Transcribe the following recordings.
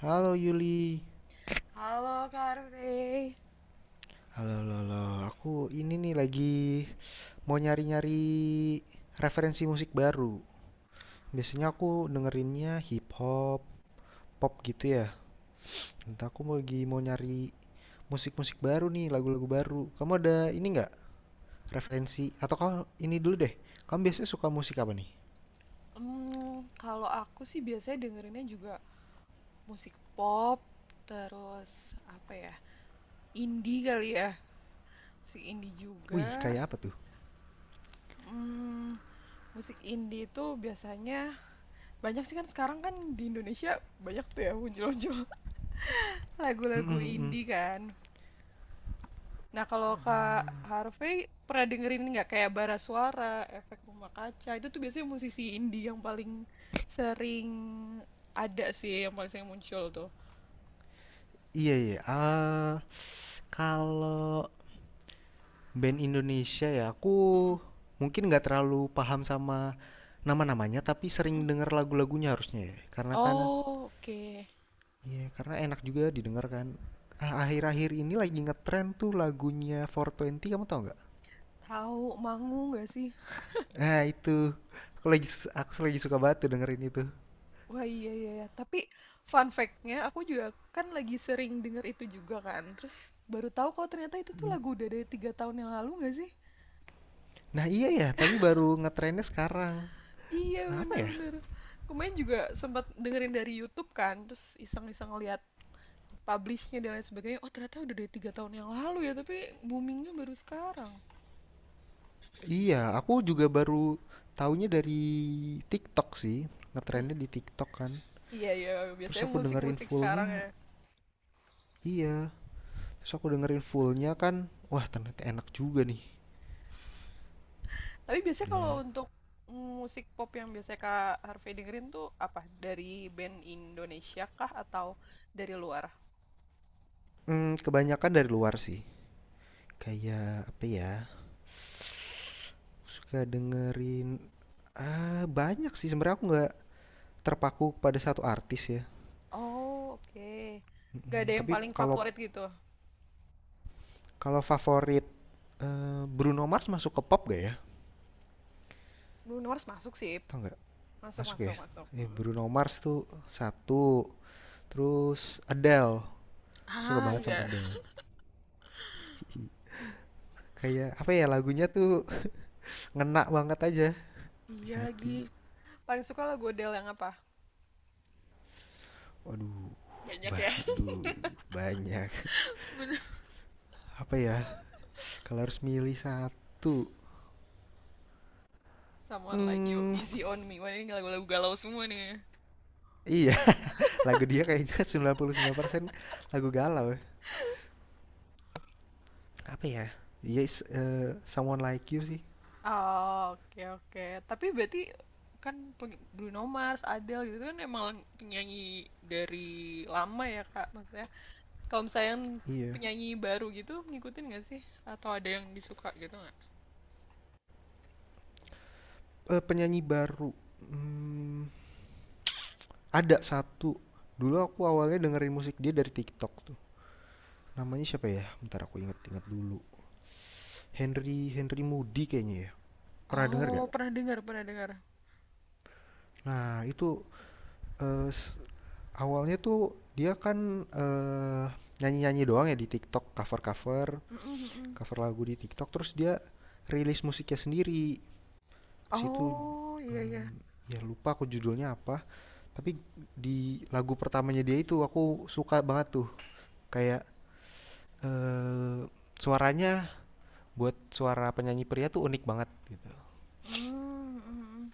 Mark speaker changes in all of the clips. Speaker 1: Halo Yuli.
Speaker 2: Halo Kak Rey.
Speaker 1: Halo, halo, halo. Aku ini nih lagi mau nyari-nyari referensi musik baru. Biasanya aku dengerinnya hip hop, pop gitu ya. Entah aku mau lagi mau nyari musik-musik baru nih, lagu-lagu baru. Kamu ada ini nggak referensi? Atau kau ini dulu deh. Kamu biasanya suka musik apa nih?
Speaker 2: Kalau aku sih biasanya dengerinnya juga musik pop, terus apa ya, indie kali ya, musik indie
Speaker 1: Wih,
Speaker 2: juga.
Speaker 1: kayak apa tuh?
Speaker 2: Hmm, musik indie itu biasanya banyak sih kan sekarang kan di Indonesia banyak tuh ya muncul-muncul
Speaker 1: Hmm,
Speaker 2: lagu-lagu
Speaker 1: hmm, hmm.
Speaker 2: indie kan. Nah, kalau Kak
Speaker 1: Hmm.
Speaker 2: Harvey pernah dengerin nggak kayak bara suara, Efek Rumah Kaca? Itu tuh biasanya musisi indie yang paling sering ada sih, yang paling sering muncul tuh.
Speaker 1: Iya, iya. Ah, kalau Band Indonesia ya, aku
Speaker 2: Mm-mm,
Speaker 1: mungkin nggak terlalu paham sama nama-namanya, tapi sering
Speaker 2: mm-mm.
Speaker 1: denger lagu-lagunya harusnya ya. Karena kan,
Speaker 2: Oh, oke.
Speaker 1: ya karena enak juga didengar kan. Ah, akhir-akhir ini lagi ngetren tuh lagunya 420, kamu tau nggak?
Speaker 2: Tahu Mangu nggak sih?
Speaker 1: Nah itu, aku lagi aku lagi suka banget tuh dengerin itu.
Speaker 2: Wah, iya, iya, iya. Tapi fun fact-nya aku juga kan lagi sering denger itu juga kan. Terus baru tahu kalau ternyata itu tuh
Speaker 1: Hmm.
Speaker 2: lagu udah dari 3 tahun yang lalu, nggak sih?
Speaker 1: Nah iya ya, tapi baru ngetrennya sekarang.
Speaker 2: Iya,
Speaker 1: Kenapa ya?
Speaker 2: bener-bener. Kemarin juga sempat dengerin dari YouTube kan, terus iseng-iseng lihat publishnya dan lain sebagainya, oh ternyata udah dari 3 tahun yang lalu ya, tapi boomingnya baru sekarang.
Speaker 1: Iya, aku juga baru taunya dari TikTok sih.
Speaker 2: eh,
Speaker 1: Ngetrennya di TikTok kan.
Speaker 2: iya, iya,
Speaker 1: Terus
Speaker 2: biasanya
Speaker 1: aku dengerin
Speaker 2: musik-musik sekarang
Speaker 1: fullnya,
Speaker 2: ya.
Speaker 1: iya. Terus aku dengerin fullnya kan, wah ternyata enak juga nih.
Speaker 2: Tapi biasanya kalau
Speaker 1: Dia,
Speaker 2: untuk musik pop yang biasanya Kak Harvey dengerin tuh apa? Dari band Indonesia kah atau dari luar?
Speaker 1: hmm, kebanyakan dari luar sih. Kayak apa ya? Suka dengerin, ah banyak sih sebenarnya, aku nggak terpaku pada satu artis ya.
Speaker 2: Oh, oke. Gak ada
Speaker 1: Mm,
Speaker 2: yang
Speaker 1: tapi
Speaker 2: paling
Speaker 1: kalau
Speaker 2: favorit gitu.
Speaker 1: kalau favorit, Bruno Mars masuk ke pop gak ya?
Speaker 2: Bruno Mars masuk sih.
Speaker 1: Tau nggak?
Speaker 2: Masuk,
Speaker 1: Masuk ya?
Speaker 2: masuk, masuk.
Speaker 1: Eh,
Speaker 2: Mm-mm.
Speaker 1: Bruno Mars tuh satu. Terus Adele, suka
Speaker 2: Ah,
Speaker 1: banget sama
Speaker 2: iya.
Speaker 1: Adele. Kayak apa ya lagunya tuh ngena banget aja di
Speaker 2: Iya
Speaker 1: hati.
Speaker 2: lagi. Paling suka lagu Adele yang apa?
Speaker 1: Waduh,
Speaker 2: Banyak
Speaker 1: bah,
Speaker 2: ya.
Speaker 1: aduh, banyak.
Speaker 2: Bener.
Speaker 1: Apa ya? Kalau harus milih satu,
Speaker 2: Someone Like You,
Speaker 1: hmm,
Speaker 2: Easy On Me. Wah, ini lagu-lagu galau semua nih.
Speaker 1: iya, lagu dia kayaknya sembilan 99% lagu galau ya. Apa ya? Yes, Someone Like You sih,
Speaker 2: Oh, oke, oke. Tapi berarti kan Bruno Mars, Adele gitu kan emang penyanyi dari lama ya Kak. Maksudnya kalau misalnya yang
Speaker 1: iya.
Speaker 2: penyanyi baru gitu ngikutin nggak sih? Atau ada yang disuka gitu nggak?
Speaker 1: Penyanyi baru, mmm, ada satu, dulu aku awalnya dengerin musik dia dari TikTok tuh. Namanya siapa ya? Bentar aku inget-inget dulu. Henry Henry Moody kayaknya ya, pernah denger
Speaker 2: Oh,
Speaker 1: nggak?
Speaker 2: pernah dengar, pernah dengar.
Speaker 1: Nah itu, eee, s Awalnya tuh dia kan, nyanyi-nyanyi doang ya di TikTok, cover-cover,
Speaker 2: Mm, mm, mm, mm.
Speaker 1: cover lagu di TikTok, terus dia rilis musiknya sendiri. Pas itu,
Speaker 2: Oh, iya, iya.
Speaker 1: mmm, ya lupa aku judulnya apa, tapi di lagu pertamanya dia itu aku suka banget tuh. Kayak, eee, suaranya, buat suara penyanyi pria tuh unik banget gitu.
Speaker 2: Mm, mm, mm.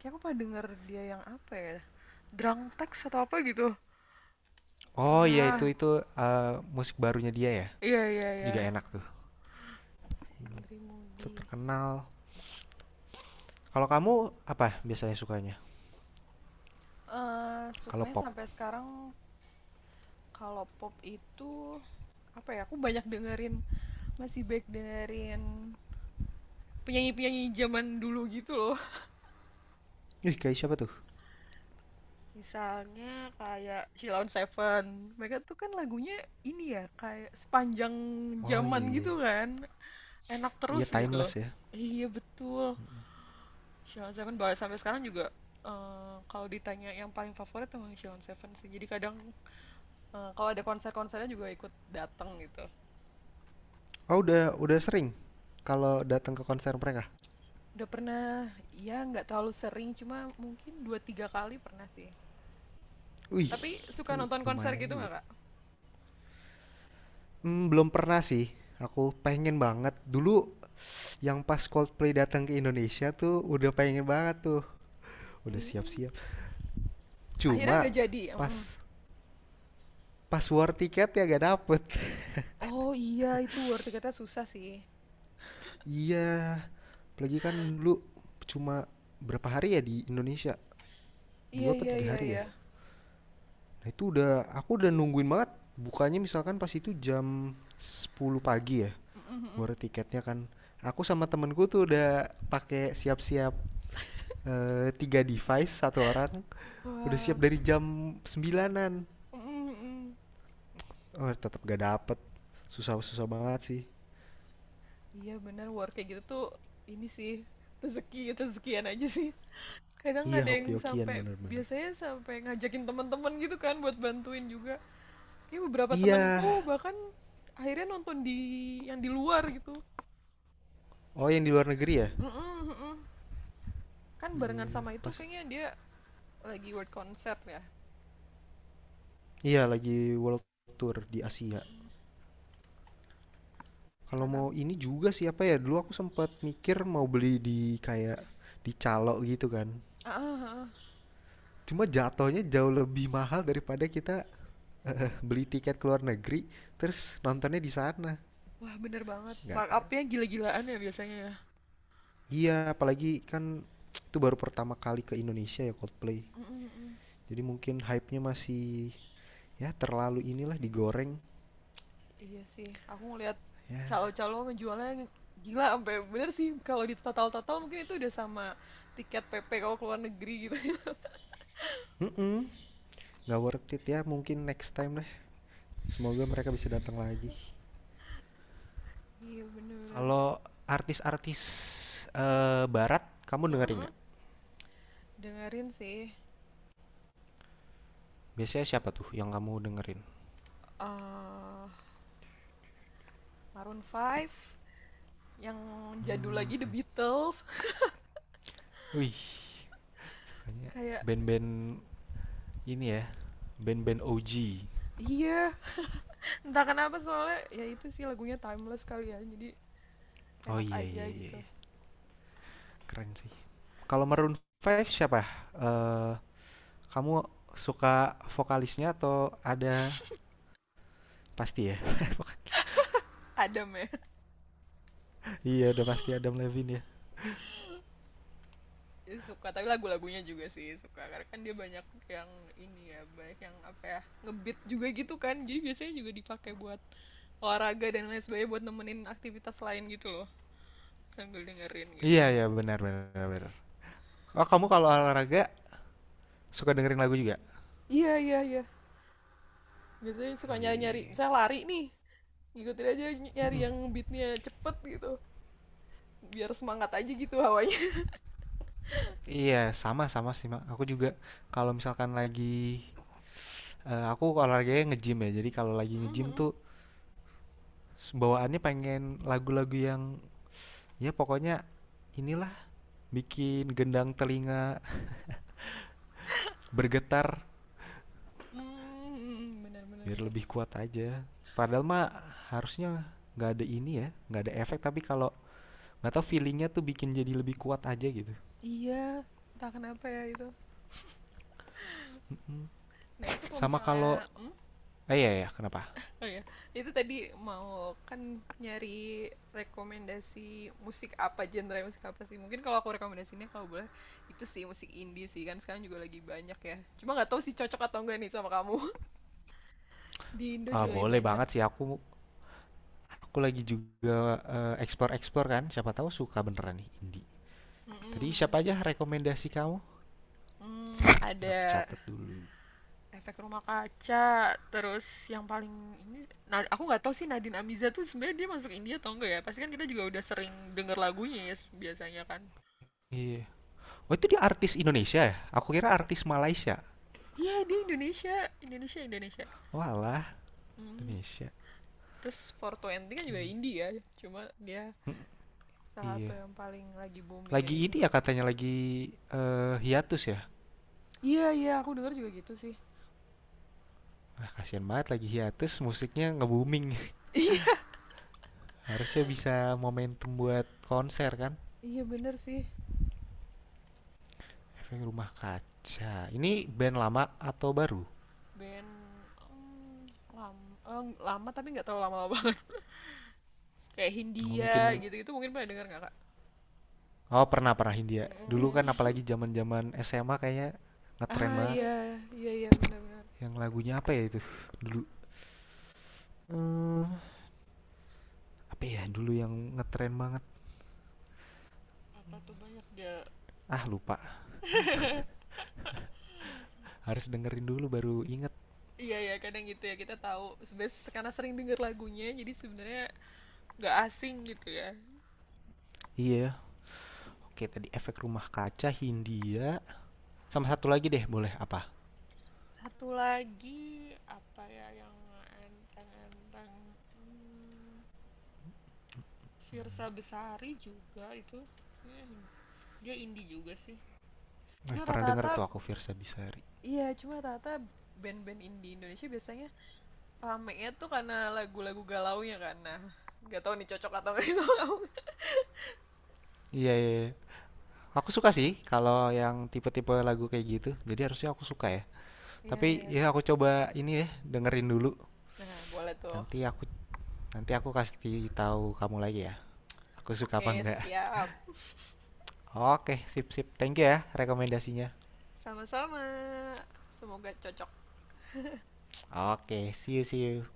Speaker 2: Kayak aku pernah dengar dia yang apa ya? Drunk Text atau apa gitu.
Speaker 1: Oh iya
Speaker 2: Pernah.
Speaker 1: itu, musik barunya dia ya?
Speaker 2: Iya, iya,
Speaker 1: Itu
Speaker 2: iya.
Speaker 1: juga enak tuh,
Speaker 2: Henry
Speaker 1: itu
Speaker 2: Moody.
Speaker 1: terkenal. Kalau kamu apa biasanya sukanya
Speaker 2: Eh,
Speaker 1: kalau
Speaker 2: sukanya
Speaker 1: pop?
Speaker 2: sampai sekarang kalau pop itu apa ya? Aku banyak dengerin, masih baik dengerin penyanyi-penyanyi zaman dulu gitu loh.
Speaker 1: Ih, kayak siapa tuh?
Speaker 2: Misalnya kayak Sheila on Seven. Mereka tuh kan lagunya ini ya, kayak sepanjang
Speaker 1: Oh iya
Speaker 2: zaman gitu
Speaker 1: iya.
Speaker 2: kan. Enak
Speaker 1: Iya,
Speaker 2: terus gitu.
Speaker 1: timeless ya.
Speaker 2: Iya, betul. Sheila on Seven bahkan sampai sekarang juga, kalau ditanya yang paling favorit emang Sheila on Seven sih. Jadi kadang kalau ada konser-konsernya juga ikut datang gitu.
Speaker 1: Oh udah sering kalau datang ke konser mereka.
Speaker 2: Udah pernah, ya nggak terlalu sering, cuma mungkin dua tiga kali pernah sih.
Speaker 1: Wih,
Speaker 2: Tapi suka
Speaker 1: itu
Speaker 2: nonton konser
Speaker 1: lumayan
Speaker 2: gitu
Speaker 1: juga.
Speaker 2: nggak, Kak?
Speaker 1: Hmm, belum pernah sih. Aku pengen banget. Dulu yang pas Coldplay datang ke Indonesia tuh udah pengen banget tuh. Udah
Speaker 2: Mm,
Speaker 1: siap-siap.
Speaker 2: akhirnya
Speaker 1: Cuma
Speaker 2: nggak jadi. Mm.
Speaker 1: pas pas war tiket ya gak dapet.
Speaker 2: Oh iya, itu war tiketnya susah sih.
Speaker 1: Iya, apalagi kan dulu cuma berapa hari ya di Indonesia?
Speaker 2: Iya,
Speaker 1: Dua apa
Speaker 2: iya,
Speaker 1: tiga
Speaker 2: iya,
Speaker 1: hari ya?
Speaker 2: iya.
Speaker 1: Nah, itu udah aku udah nungguin banget bukanya misalkan pas itu jam 10 pagi ya
Speaker 2: Mm, mm, mm.
Speaker 1: war tiketnya kan. Aku sama temenku tuh udah pakai siap-siap, tiga device satu orang udah siap
Speaker 2: Wah.
Speaker 1: dari jam sembilanan.
Speaker 2: Mm, mm, mm.
Speaker 1: Oh, tetap gak dapet. Susah-susah banget sih.
Speaker 2: Iya bener, war kayak gitu tuh ini sih, rezeki, rezekian aja sih. Kadang
Speaker 1: Iya,
Speaker 2: ada yang
Speaker 1: hoki-hokian
Speaker 2: sampai,
Speaker 1: bener-bener.
Speaker 2: biasanya sampai ngajakin teman-teman gitu kan buat bantuin juga. Ini beberapa
Speaker 1: Iya.
Speaker 2: temanku bahkan akhirnya nonton di yang di luar gitu.
Speaker 1: Oh, yang di luar negeri ya?
Speaker 2: Mm-mm, mm-mm. Kan barengan
Speaker 1: Iya,
Speaker 2: sama itu
Speaker 1: pas.
Speaker 2: kayaknya dia lagi world concert ya.
Speaker 1: Iya, lagi world tour di Asia.
Speaker 2: Mm-mm.
Speaker 1: Kalau
Speaker 2: Karena
Speaker 1: mau ini juga sih apa ya, dulu aku sempat mikir mau beli di kayak di calo gitu kan.
Speaker 2: ah, ah, ah.
Speaker 1: Cuma jatuhnya jauh lebih mahal daripada kita beli tiket ke luar negeri terus nontonnya di sana.
Speaker 2: Wah bener banget.
Speaker 1: Nggak,
Speaker 2: Markupnya gila-gilaan ya biasanya ya.
Speaker 1: iya apalagi kan itu baru pertama kali ke Indonesia ya Coldplay.
Speaker 2: Mm-mm, mm-mm.
Speaker 1: Jadi mungkin hype-nya masih ya terlalu inilah digoreng.
Speaker 2: Iya sih, aku ngeliat
Speaker 1: Ya,
Speaker 2: calo-calo ngejualnya gila sampai bener sih kalau di total-total mungkin itu udah sama tiket PP kalau keluar negeri gitu.
Speaker 1: mm nggak worth it ya. Mungkin next time lah. Semoga mereka bisa datang lagi.
Speaker 2: Iya, bener-bener.
Speaker 1: Kalau artis-artis barat kamu dengerin
Speaker 2: Mm-mm.
Speaker 1: nggak?
Speaker 2: Dengerin sih,
Speaker 1: Biasanya siapa tuh yang kamu dengerin?
Speaker 2: eh Maroon 5 yang jadul
Speaker 1: Hmm,
Speaker 2: lagi, The Beatles.
Speaker 1: wih, sukanya
Speaker 2: Kayak,
Speaker 1: band-band ini ya, band-band OG.
Speaker 2: iya, entah kenapa soalnya ya itu sih lagunya timeless kali ya, jadi
Speaker 1: Oh
Speaker 2: enak
Speaker 1: iya
Speaker 2: aja
Speaker 1: iya iya,
Speaker 2: gitu.
Speaker 1: iya. Keren sih. Kalau Maroon 5 siapa? Eh, kamu suka vokalisnya atau ada pasti ya?
Speaker 2: Adam ya,
Speaker 1: Iya udah pasti Adam Levine ya.
Speaker 2: suka, tapi lagu-lagunya juga sih suka karena kan dia banyak yang ini ya, banyak yang apa ya, ngebeat juga gitu kan, jadi biasanya juga dipakai buat olahraga dan lain sebagainya, buat nemenin aktivitas lain gitu loh, sambil dengerin gitu.
Speaker 1: Iya iya benar benar benar. Oh kamu kalau olahraga suka dengerin lagu juga?
Speaker 2: Iya, iya, iya, biasanya suka nyari-nyari,
Speaker 1: Iya.
Speaker 2: misalnya lari nih, ngikutin aja, nyari
Speaker 1: Mm-mm.
Speaker 2: yang beatnya cepet gitu, biar semangat aja gitu hawanya.
Speaker 1: Iya, sama-sama sih, Mak. Aku juga kalau misalkan lagi, aku olahraganya nge-gym ya. Jadi kalau lagi nge-gym tuh bawaannya pengen lagu-lagu yang ya pokoknya inilah bikin gendang telinga bergetar
Speaker 2: Hmm, benar, benar,
Speaker 1: biar
Speaker 2: benar.
Speaker 1: lebih kuat aja. Padahal mah harusnya nggak ada ini ya, nggak ada efek. Tapi kalau nggak tahu feelingnya tuh bikin jadi lebih kuat aja gitu.
Speaker 2: Iya, entah kenapa ya itu.
Speaker 1: Mm-mm.
Speaker 2: Nah, itu kalau
Speaker 1: Sama
Speaker 2: misalnya,
Speaker 1: kalau,
Speaker 2: hmm?
Speaker 1: eh iya ya, kenapa?
Speaker 2: Oh ya, itu tadi mau kan nyari rekomendasi musik apa, genre musik apa sih? Mungkin kalau aku rekomendasinya kalau boleh itu sih musik indie sih kan sekarang juga lagi banyak ya. Cuma nggak tahu sih cocok atau enggak nih sama kamu. Di Indo
Speaker 1: Ah,
Speaker 2: juga lagi
Speaker 1: boleh
Speaker 2: banyak.
Speaker 1: banget sih aku. Aku lagi juga explore-explore kan, siapa tahu suka beneran nih indie. Tadi
Speaker 2: Mm-mm.
Speaker 1: siapa aja rekomendasi kamu?
Speaker 2: Hmm,
Speaker 1: Biar aku
Speaker 2: ada
Speaker 1: catat dulu.
Speaker 2: Efek Rumah Kaca, terus yang paling ini, nah aku nggak tahu sih Nadine Amiza tuh sebenarnya dia masuk India atau enggak ya? Pasti kan kita juga udah sering denger lagunya ya biasanya kan.
Speaker 1: Oh itu dia artis Indonesia ya? Aku kira artis Malaysia.
Speaker 2: Iya, dia Indonesia, Indonesia, Indonesia.
Speaker 1: Walah,
Speaker 2: Hmm.
Speaker 1: Indonesia.
Speaker 2: Terus 420 kan juga
Speaker 1: Oke,
Speaker 2: India ya, cuma dia salah satu
Speaker 1: iya.
Speaker 2: yang paling lagi booming
Speaker 1: Lagi
Speaker 2: aja,
Speaker 1: ini
Speaker 2: tuh.
Speaker 1: ya katanya lagi hiatus ya.
Speaker 2: Iya, iya, aku denger juga gitu sih.
Speaker 1: Ah, kasihan banget lagi hiatus, musiknya nge-booming.
Speaker 2: Iya,
Speaker 1: Harusnya bisa momentum buat konser kan?
Speaker 2: iya, bener sih.
Speaker 1: Efek Rumah Kaca. Ini band lama atau baru?
Speaker 2: Band hmm, lama tapi nggak terlalu lama-lama banget. Kayak
Speaker 1: Oh,
Speaker 2: Hindia
Speaker 1: mungkin.
Speaker 2: gitu-gitu mungkin pernah denger nggak kak?
Speaker 1: Oh pernah pernah Hindia. Dulu kan
Speaker 2: Mm.
Speaker 1: apalagi zaman-zaman SMA kayaknya ngetren
Speaker 2: Ah, ya,
Speaker 1: banget.
Speaker 2: iya, kan? Iya, iya, benar-benar.
Speaker 1: Yang lagunya apa ya itu dulu? Eh apa ya dulu yang ngetren banget?
Speaker 2: Apa tuh banyak dia.
Speaker 1: Ah lupa. Harus dengerin dulu baru inget.
Speaker 2: Iya ya kadang gitu ya kita tahu sebenarnya karena sering denger lagunya, jadi sebenarnya nggak asing gitu ya.
Speaker 1: Iya. Oke tadi Efek Rumah Kaca, Hindia. Sama satu lagi deh boleh apa?
Speaker 2: Satu lagi apa ya yang enteng-enteng, hmm, Fiersa Besari juga itu. Kayaknya dia indie juga sih.
Speaker 1: Eh
Speaker 2: Cuma
Speaker 1: pernah denger
Speaker 2: rata-rata,
Speaker 1: tuh aku Virsa Besari.
Speaker 2: iya, cuma rata-rata band-band indie Indonesia biasanya ramenya tuh karena lagu-lagu galaunya kan. Nah, nggak tahu nih cocok atau nggak sih sama kamu.
Speaker 1: Iya iya, iya. Aku suka sih kalau yang tipe-tipe lagu kayak gitu. Jadi harusnya aku suka ya.
Speaker 2: Iya,
Speaker 1: Tapi
Speaker 2: iya.
Speaker 1: ya aku coba ini ya dengerin dulu.
Speaker 2: Nah, boleh tuh.
Speaker 1: Nanti aku nanti aku kasih tahu kamu lagi ya. Aku suka apa
Speaker 2: Oke,
Speaker 1: enggak.
Speaker 2: siap.
Speaker 1: Oke, sip sip. Thank you ya rekomendasinya.
Speaker 2: Sama-sama. Semoga cocok.
Speaker 1: Oke, see you see you.